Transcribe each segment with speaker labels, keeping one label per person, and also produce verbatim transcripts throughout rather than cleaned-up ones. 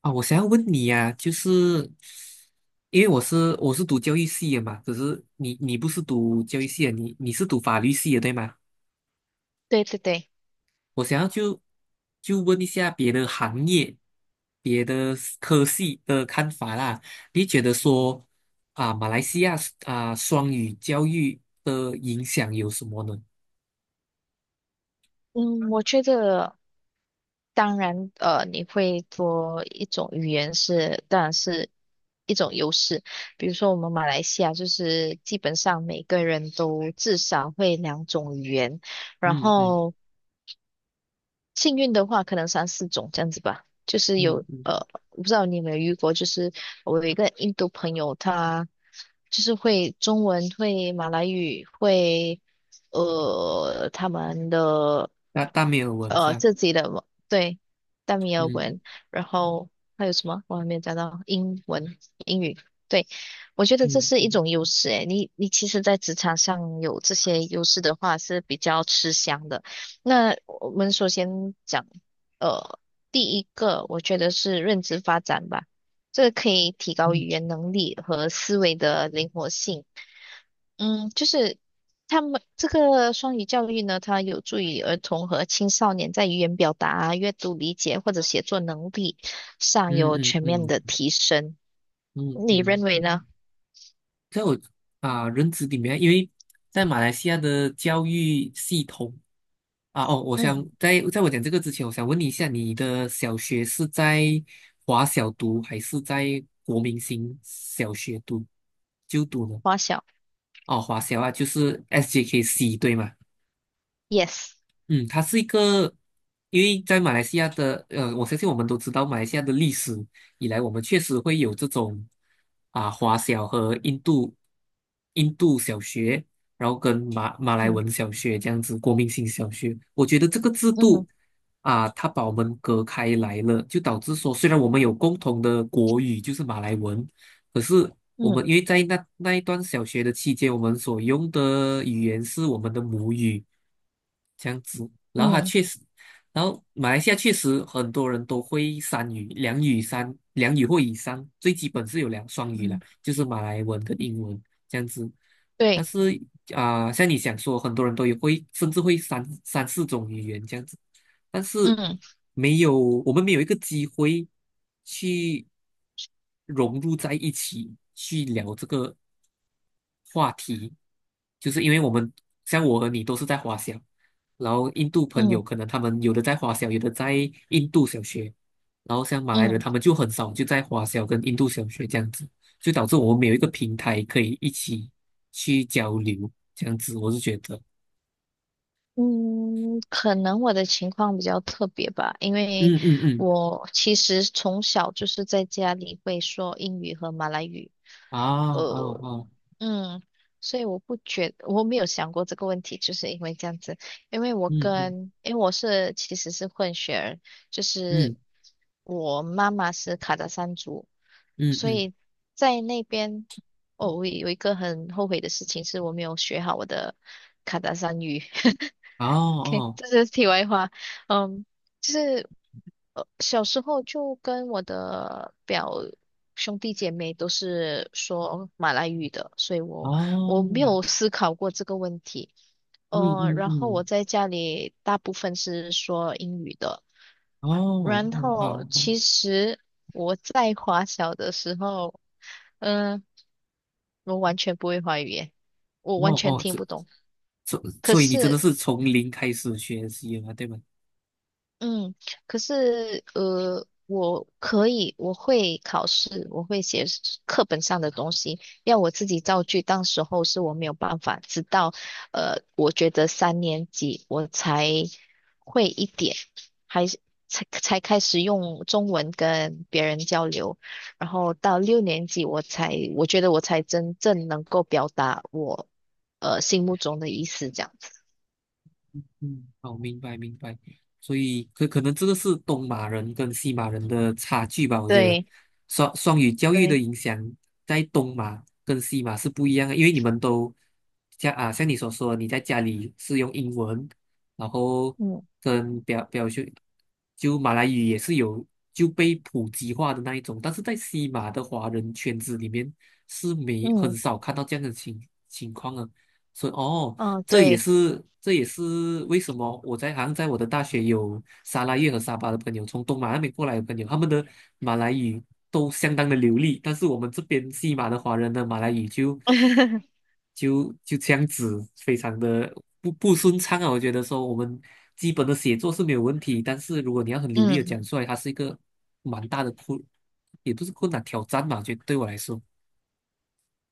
Speaker 1: 啊，我想要问你呀、就是因为我是我是读教育系的嘛，可是你你不是读教育系的，你你是读法律系的对吗？
Speaker 2: 对对对。
Speaker 1: 我想要就就问一下别的行业、别的 s- 科系的看法啦。你觉得说啊，马来西亚啊双语教育的影响有什么呢？
Speaker 2: 嗯，我觉得当然，呃，你会多一种语言是，当然是一种优势。比如说我们马来西亚，就是基本上每个人都至少会两种语言，然
Speaker 1: 嗯嗯
Speaker 2: 后。幸运的话，可能三四种这样子吧。就是
Speaker 1: 嗯
Speaker 2: 有
Speaker 1: 嗯，
Speaker 2: 呃，我不知道你有没有遇过，就是我有一个印度朋友，他就是会中文、会马来语、会呃他们的
Speaker 1: 大大没有文
Speaker 2: 呃
Speaker 1: 章。
Speaker 2: 自己的文对，大米尔
Speaker 1: 嗯
Speaker 2: 文，然后还有什么我还没有讲到英文、英语。对，我觉得这
Speaker 1: 嗯
Speaker 2: 是一
Speaker 1: 嗯
Speaker 2: 种优势诶，你你其实，在职场上有这些优势的话，是比较吃香的。那我们首先讲，呃，第一个我觉得是认知发展吧，这个可以提高语
Speaker 1: 嗯
Speaker 2: 言能力和思维的灵活性。嗯，就是他们这个双语教育呢，它有助于儿童和青少年在语言表达啊、阅读理解或者写作能力上有
Speaker 1: 嗯
Speaker 2: 全面的
Speaker 1: 嗯
Speaker 2: 提升。
Speaker 1: 嗯
Speaker 2: 你认
Speaker 1: 嗯
Speaker 2: 为呢？
Speaker 1: 嗯。啊，认知里面，因为在马来西亚的教育系统，啊，哦，我想
Speaker 2: 嗯，
Speaker 1: 在在我讲这个之前，我想问你一下，你的小学是在华小读还是在国民型小学读就读呢？
Speaker 2: 花小
Speaker 1: 哦，华小啊，就是 S J K C 对吗？
Speaker 2: ，yes。
Speaker 1: 嗯，它是一个，因为在马来西亚的，呃，我相信我们都知道，马来西亚的历史以来，我们确实会有这种啊华小和印度印度小学，然后跟马马来
Speaker 2: 嗯
Speaker 1: 文小学这样子，国民性小学。我觉得这个制度
Speaker 2: 嗯
Speaker 1: 啊，它把我们隔开来了，就导致说，虽然我们有共同的国语，就是马来文，可是我们
Speaker 2: 嗯
Speaker 1: 因为在那那一段小学的期间，我们所用的语言是我们的母语，这样子。然后它
Speaker 2: 嗯
Speaker 1: 确实，然后马来西亚确实很多人都会三语、两语三、两语或以上，最基本是有两双语了，
Speaker 2: 嗯。
Speaker 1: 就是马来文跟英文这样子。但
Speaker 2: 对。
Speaker 1: 是啊、像你想说，很多人都也会，甚至会三三四种语言这样子。但是
Speaker 2: 嗯
Speaker 1: 没有，我们没有一个机会去融入在一起，去聊这个话题，就是因为我们像我和你都是在华小，然后印度朋
Speaker 2: 嗯
Speaker 1: 友可能他们有的在华小，有的在印度小学，然后像马来人
Speaker 2: 嗯。
Speaker 1: 他们就很少就在华小跟印度小学这样子，就导致我们没有一个平台可以一起去交流，这样子我是觉得，
Speaker 2: 嗯，可能我的情况比较特别吧，因为
Speaker 1: 嗯嗯嗯。
Speaker 2: 我其实从小就是在家里会说英语和马来语，
Speaker 1: 啊啊
Speaker 2: 呃，
Speaker 1: 啊。
Speaker 2: 嗯，所以我不觉，我没有想过这个问题，就是因为这样子，因为我
Speaker 1: 嗯嗯
Speaker 2: 跟，因为我是其实是混血儿，就是
Speaker 1: 嗯。
Speaker 2: 我妈妈是卡达山族，
Speaker 1: 嗯
Speaker 2: 所
Speaker 1: 嗯。
Speaker 2: 以在那边，哦，我有一个很后悔的事情是我没有学好我的卡达山语。
Speaker 1: 哦
Speaker 2: OK,
Speaker 1: 哦
Speaker 2: 这是题外话。嗯，就是呃，小时候就跟我的表兄弟姐妹都是说马来语的，所以我
Speaker 1: 哦。
Speaker 2: 我没有思考过这个问题。
Speaker 1: 嗯
Speaker 2: 呃，
Speaker 1: 嗯
Speaker 2: 然后我
Speaker 1: 嗯。
Speaker 2: 在家里大部分是说英语的。
Speaker 1: 哦
Speaker 2: 然
Speaker 1: 哦
Speaker 2: 后
Speaker 1: 好哦。
Speaker 2: 其实我在华小的时候，嗯、我完全不会华语耶，我完
Speaker 1: 哦
Speaker 2: 全
Speaker 1: 哦，
Speaker 2: 听
Speaker 1: 这
Speaker 2: 不懂。
Speaker 1: 所
Speaker 2: 可
Speaker 1: 所以你真的
Speaker 2: 是
Speaker 1: 是从零开始学习了，对吗？
Speaker 2: 嗯，可是呃，我可以，我会考试，我会写课本上的东西，要我自己造句。当时候是我没有办法，直到呃，我觉得三年级我才会一点，还是才才开始用中文跟别人交流，然后到六年级我才，我觉得我才真正能够表达我呃心目中的意思，这样子。
Speaker 1: 嗯，好，明白明白。所以可可能这个是东马人跟西马人的差距吧，我觉得
Speaker 2: 对。
Speaker 1: 双双语教育的
Speaker 2: 对。
Speaker 1: 影响在东马跟西马是不一样的，因为你们都像啊像你所说，你在家里是用英文，然后
Speaker 2: 嗯
Speaker 1: 跟表表兄就马来语也是有就被普及化的那一种，但是在西马的华人圈子里面是没很
Speaker 2: 嗯
Speaker 1: 少看到这样的情情况啊，所以哦，
Speaker 2: 嗯。哦
Speaker 1: 这也
Speaker 2: 对。
Speaker 1: 是这也是为什么我在好像在我的大学有沙拉越和沙巴的朋友，从东马那边过来的朋友，他们的马来语都相当的流利，但是我们这边西马的华人的马来语就 就就这样子，非常的不不顺畅啊。我觉得说我们基本的写作是没有问题，但是如果你要很流利的
Speaker 2: 嗯。
Speaker 1: 讲出来，它是一个蛮大的困，也不是困难挑战吧，就对我来说，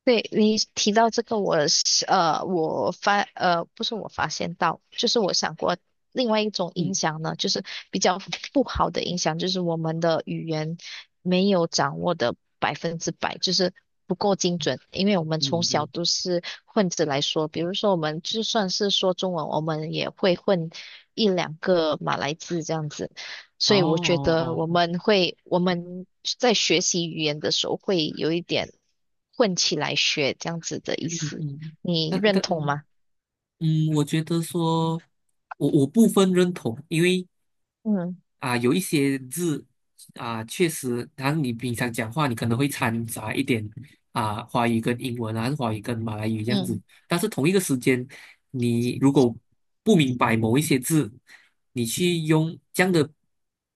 Speaker 2: 对，你提到这个我是，呃，我发呃，不是我发现到，就是我想过另外一种影
Speaker 1: 嗯
Speaker 2: 响呢，就是比较不好的影响，就是我们的语言没有掌握的百分之百，就是不够精准，因为我们从
Speaker 1: 嗯
Speaker 2: 小
Speaker 1: 嗯。
Speaker 2: 都是混着来说，比如说我们就算是说中文，我们也会混一两个马来字这样子。
Speaker 1: 哦
Speaker 2: 所以我觉得
Speaker 1: 哦
Speaker 2: 我
Speaker 1: 哦。
Speaker 2: 们会，我们在学习语言的时候会有一点混起来学这样子的意
Speaker 1: 嗯
Speaker 2: 思，
Speaker 1: 嗯。
Speaker 2: 你
Speaker 1: 那那
Speaker 2: 认同
Speaker 1: 嗯。
Speaker 2: 吗？
Speaker 1: 嗯，我觉得说，我我部分认同，因为
Speaker 2: 嗯
Speaker 1: 啊、有一些字啊、确实，然后你平常讲话，你可能会掺杂一点啊、华语跟英文啊，还是华语跟马来语这样子。
Speaker 2: 嗯
Speaker 1: 但是同一个时间，你如果不明白某一些字，你去用这样的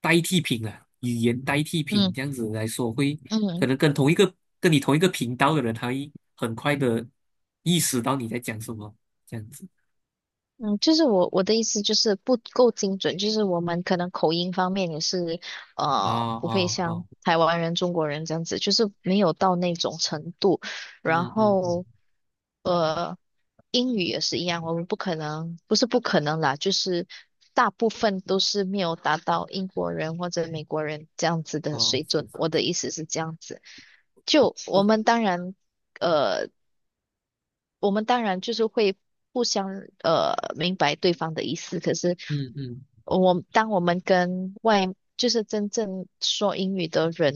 Speaker 1: 代替品啊，语言代替品
Speaker 2: 嗯
Speaker 1: 这样子来说，会可
Speaker 2: 嗯
Speaker 1: 能跟同一个跟你同一个频道的人，他会很快的意识到你在讲什么这样子。
Speaker 2: 嗯。就是我我的意思就是不够精准，就是我们可能口音方面也是
Speaker 1: 哦
Speaker 2: 呃不会
Speaker 1: 哦
Speaker 2: 像
Speaker 1: 哦。
Speaker 2: 台湾人、中国人这样子，就是没有到那种程度，然
Speaker 1: 嗯嗯嗯。
Speaker 2: 后。呃。英语也是一样，我们不可能，不是不可能啦，就是大部分都是没有达到英国人或者美国人这样子的
Speaker 1: 哦，
Speaker 2: 水
Speaker 1: 是
Speaker 2: 准。
Speaker 1: 是。
Speaker 2: 我的意思是这样子，就我
Speaker 1: 我。
Speaker 2: 们当然，呃，我们当然就是会互相呃明白对方的意思，可是
Speaker 1: 嗯嗯。
Speaker 2: 我当我们跟外就是真正说英语的人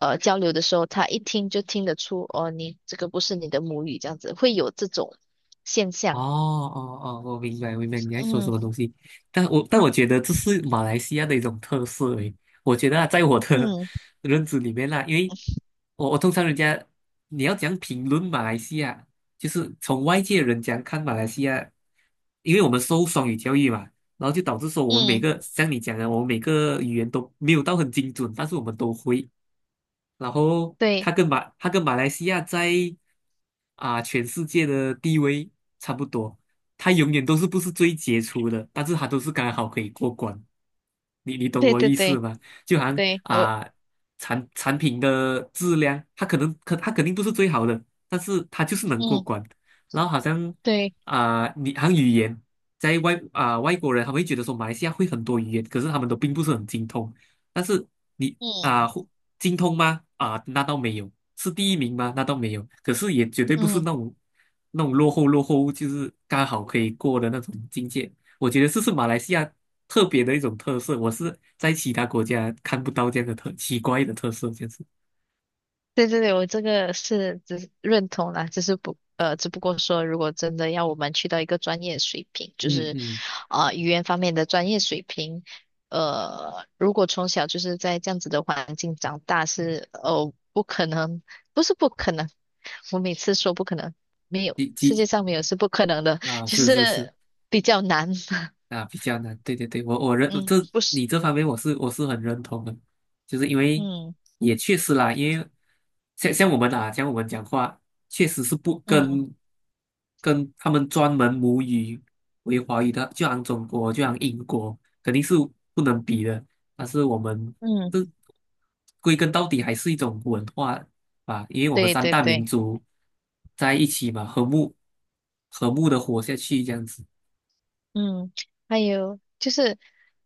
Speaker 2: 呃交流的时候，他一听就听得出哦，你这个不是你的母语，这样子会有这种现
Speaker 1: 哦
Speaker 2: 象。
Speaker 1: 哦哦，我明白明白你在说什
Speaker 2: 嗯。
Speaker 1: 么东西，但我但我觉得这是马来西亚的一种特色诶。我觉得啊，在我的
Speaker 2: 嗯
Speaker 1: 认知里面啦，因为我我通常人家你要讲评论马来西亚，就是从外界人讲看马来西亚，因为我们受双语教育嘛，然后就导致说我们每
Speaker 2: 嗯。
Speaker 1: 个像你讲的，我们每个语言都没有到很精准，但是我们都会。然后
Speaker 2: 对
Speaker 1: 他跟马他跟马来西亚在啊、全世界的地位差不多，他永远都是不是最杰出的，但是他都是刚好可以过关。你你懂
Speaker 2: 对
Speaker 1: 我
Speaker 2: 对
Speaker 1: 意思
Speaker 2: 对
Speaker 1: 吗？就好像
Speaker 2: 对。我
Speaker 1: 啊、产产品的质量，它可能可它肯定不是最好的，但是它就是能过
Speaker 2: 嗯
Speaker 1: 关。然后好像
Speaker 2: 对
Speaker 1: 啊、你好像语言，在外啊、外国人他会觉得说马来西亚会很多语言，可是他们都并不是很精通。但是你啊、
Speaker 2: 嗯
Speaker 1: 会。精通吗？啊，那倒没有。是第一名吗？那倒没有。可是也绝对不是那
Speaker 2: 嗯
Speaker 1: 种那种落后落后，就是刚好可以过的那种境界。我觉得这是马来西亚特别的一种特色，我是在其他国家看不到这样的特奇怪的特色，就是
Speaker 2: 对对对。我这个是只是认同啦，只是不呃，只不过说如果真的要我们去到一个专业水平，就
Speaker 1: 嗯
Speaker 2: 是
Speaker 1: 嗯。
Speaker 2: 啊、呃语言方面的专业水平，呃，如果从小就是在这样子的环境长大是哦不可能，不是不可能，我每次说不可能，没有，
Speaker 1: 几
Speaker 2: 世界
Speaker 1: 几。
Speaker 2: 上没有是不可能的，
Speaker 1: 啊，
Speaker 2: 就
Speaker 1: 是是是。
Speaker 2: 是比较难。
Speaker 1: 啊，比较难，对对对，我我 认
Speaker 2: 嗯，
Speaker 1: 这
Speaker 2: 不是。
Speaker 1: 你这方面我是我是很认同的，就是因为
Speaker 2: 嗯。
Speaker 1: 也确实啦，因为像像我们啊，像我们讲话，确实是不
Speaker 2: 嗯
Speaker 1: 跟跟他们专门母语为华语的，就像中国，就像英国，肯定是不能比的。但是我们
Speaker 2: 嗯。
Speaker 1: 这归根到底还是一种文化吧，因为我们
Speaker 2: 对
Speaker 1: 三
Speaker 2: 对
Speaker 1: 大民
Speaker 2: 对。
Speaker 1: 族在一起嘛，和睦和睦的活下去这样子。
Speaker 2: 嗯。还有就是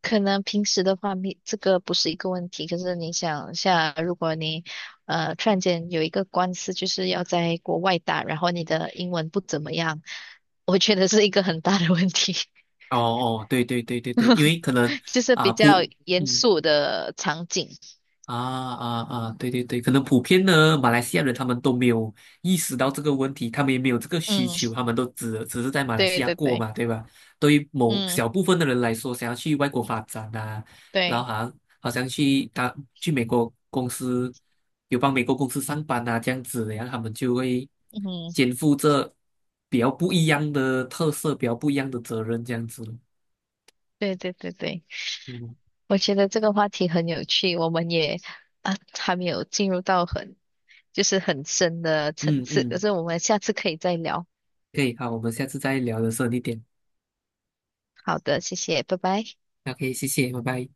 Speaker 2: 可能平时的话，没这个不是一个问题，可是你想一下，如果你呃突然间有一个官司，就是要在国外打，然后你的英文不怎么样，我觉得是一个很大的问题。
Speaker 1: 哦哦，对对对对对，因为可 能
Speaker 2: 就是
Speaker 1: 啊
Speaker 2: 比较
Speaker 1: 普
Speaker 2: 严
Speaker 1: 嗯。
Speaker 2: 肃的场景。
Speaker 1: 啊啊啊，对对对，可能普遍呢，马来西亚人他们都没有意识到这个问题，他们也没有这个需
Speaker 2: 嗯。
Speaker 1: 求，他们都只只是在马来西
Speaker 2: 对
Speaker 1: 亚
Speaker 2: 对
Speaker 1: 过
Speaker 2: 对。
Speaker 1: 嘛，对吧？对于某
Speaker 2: 嗯
Speaker 1: 小部分的人来说，想要去外国发展啊，然后
Speaker 2: 对。
Speaker 1: 好像好像去他去美国公司有帮美国公司上班啊这样子，然后他们就会
Speaker 2: 嗯
Speaker 1: 肩负着比较不一样的特色，比较不一样的责任这样子，
Speaker 2: 对对对对。
Speaker 1: 嗯。
Speaker 2: 我觉得这个话题很有趣，我们也啊还没有进入到很。就是很深的层
Speaker 1: 嗯
Speaker 2: 次。可
Speaker 1: 嗯，
Speaker 2: 是我们下次可以再聊。
Speaker 1: 可以，好，我们下次再聊的时候你点。
Speaker 2: 好的，谢谢，拜拜。
Speaker 1: OK，谢谢，拜拜。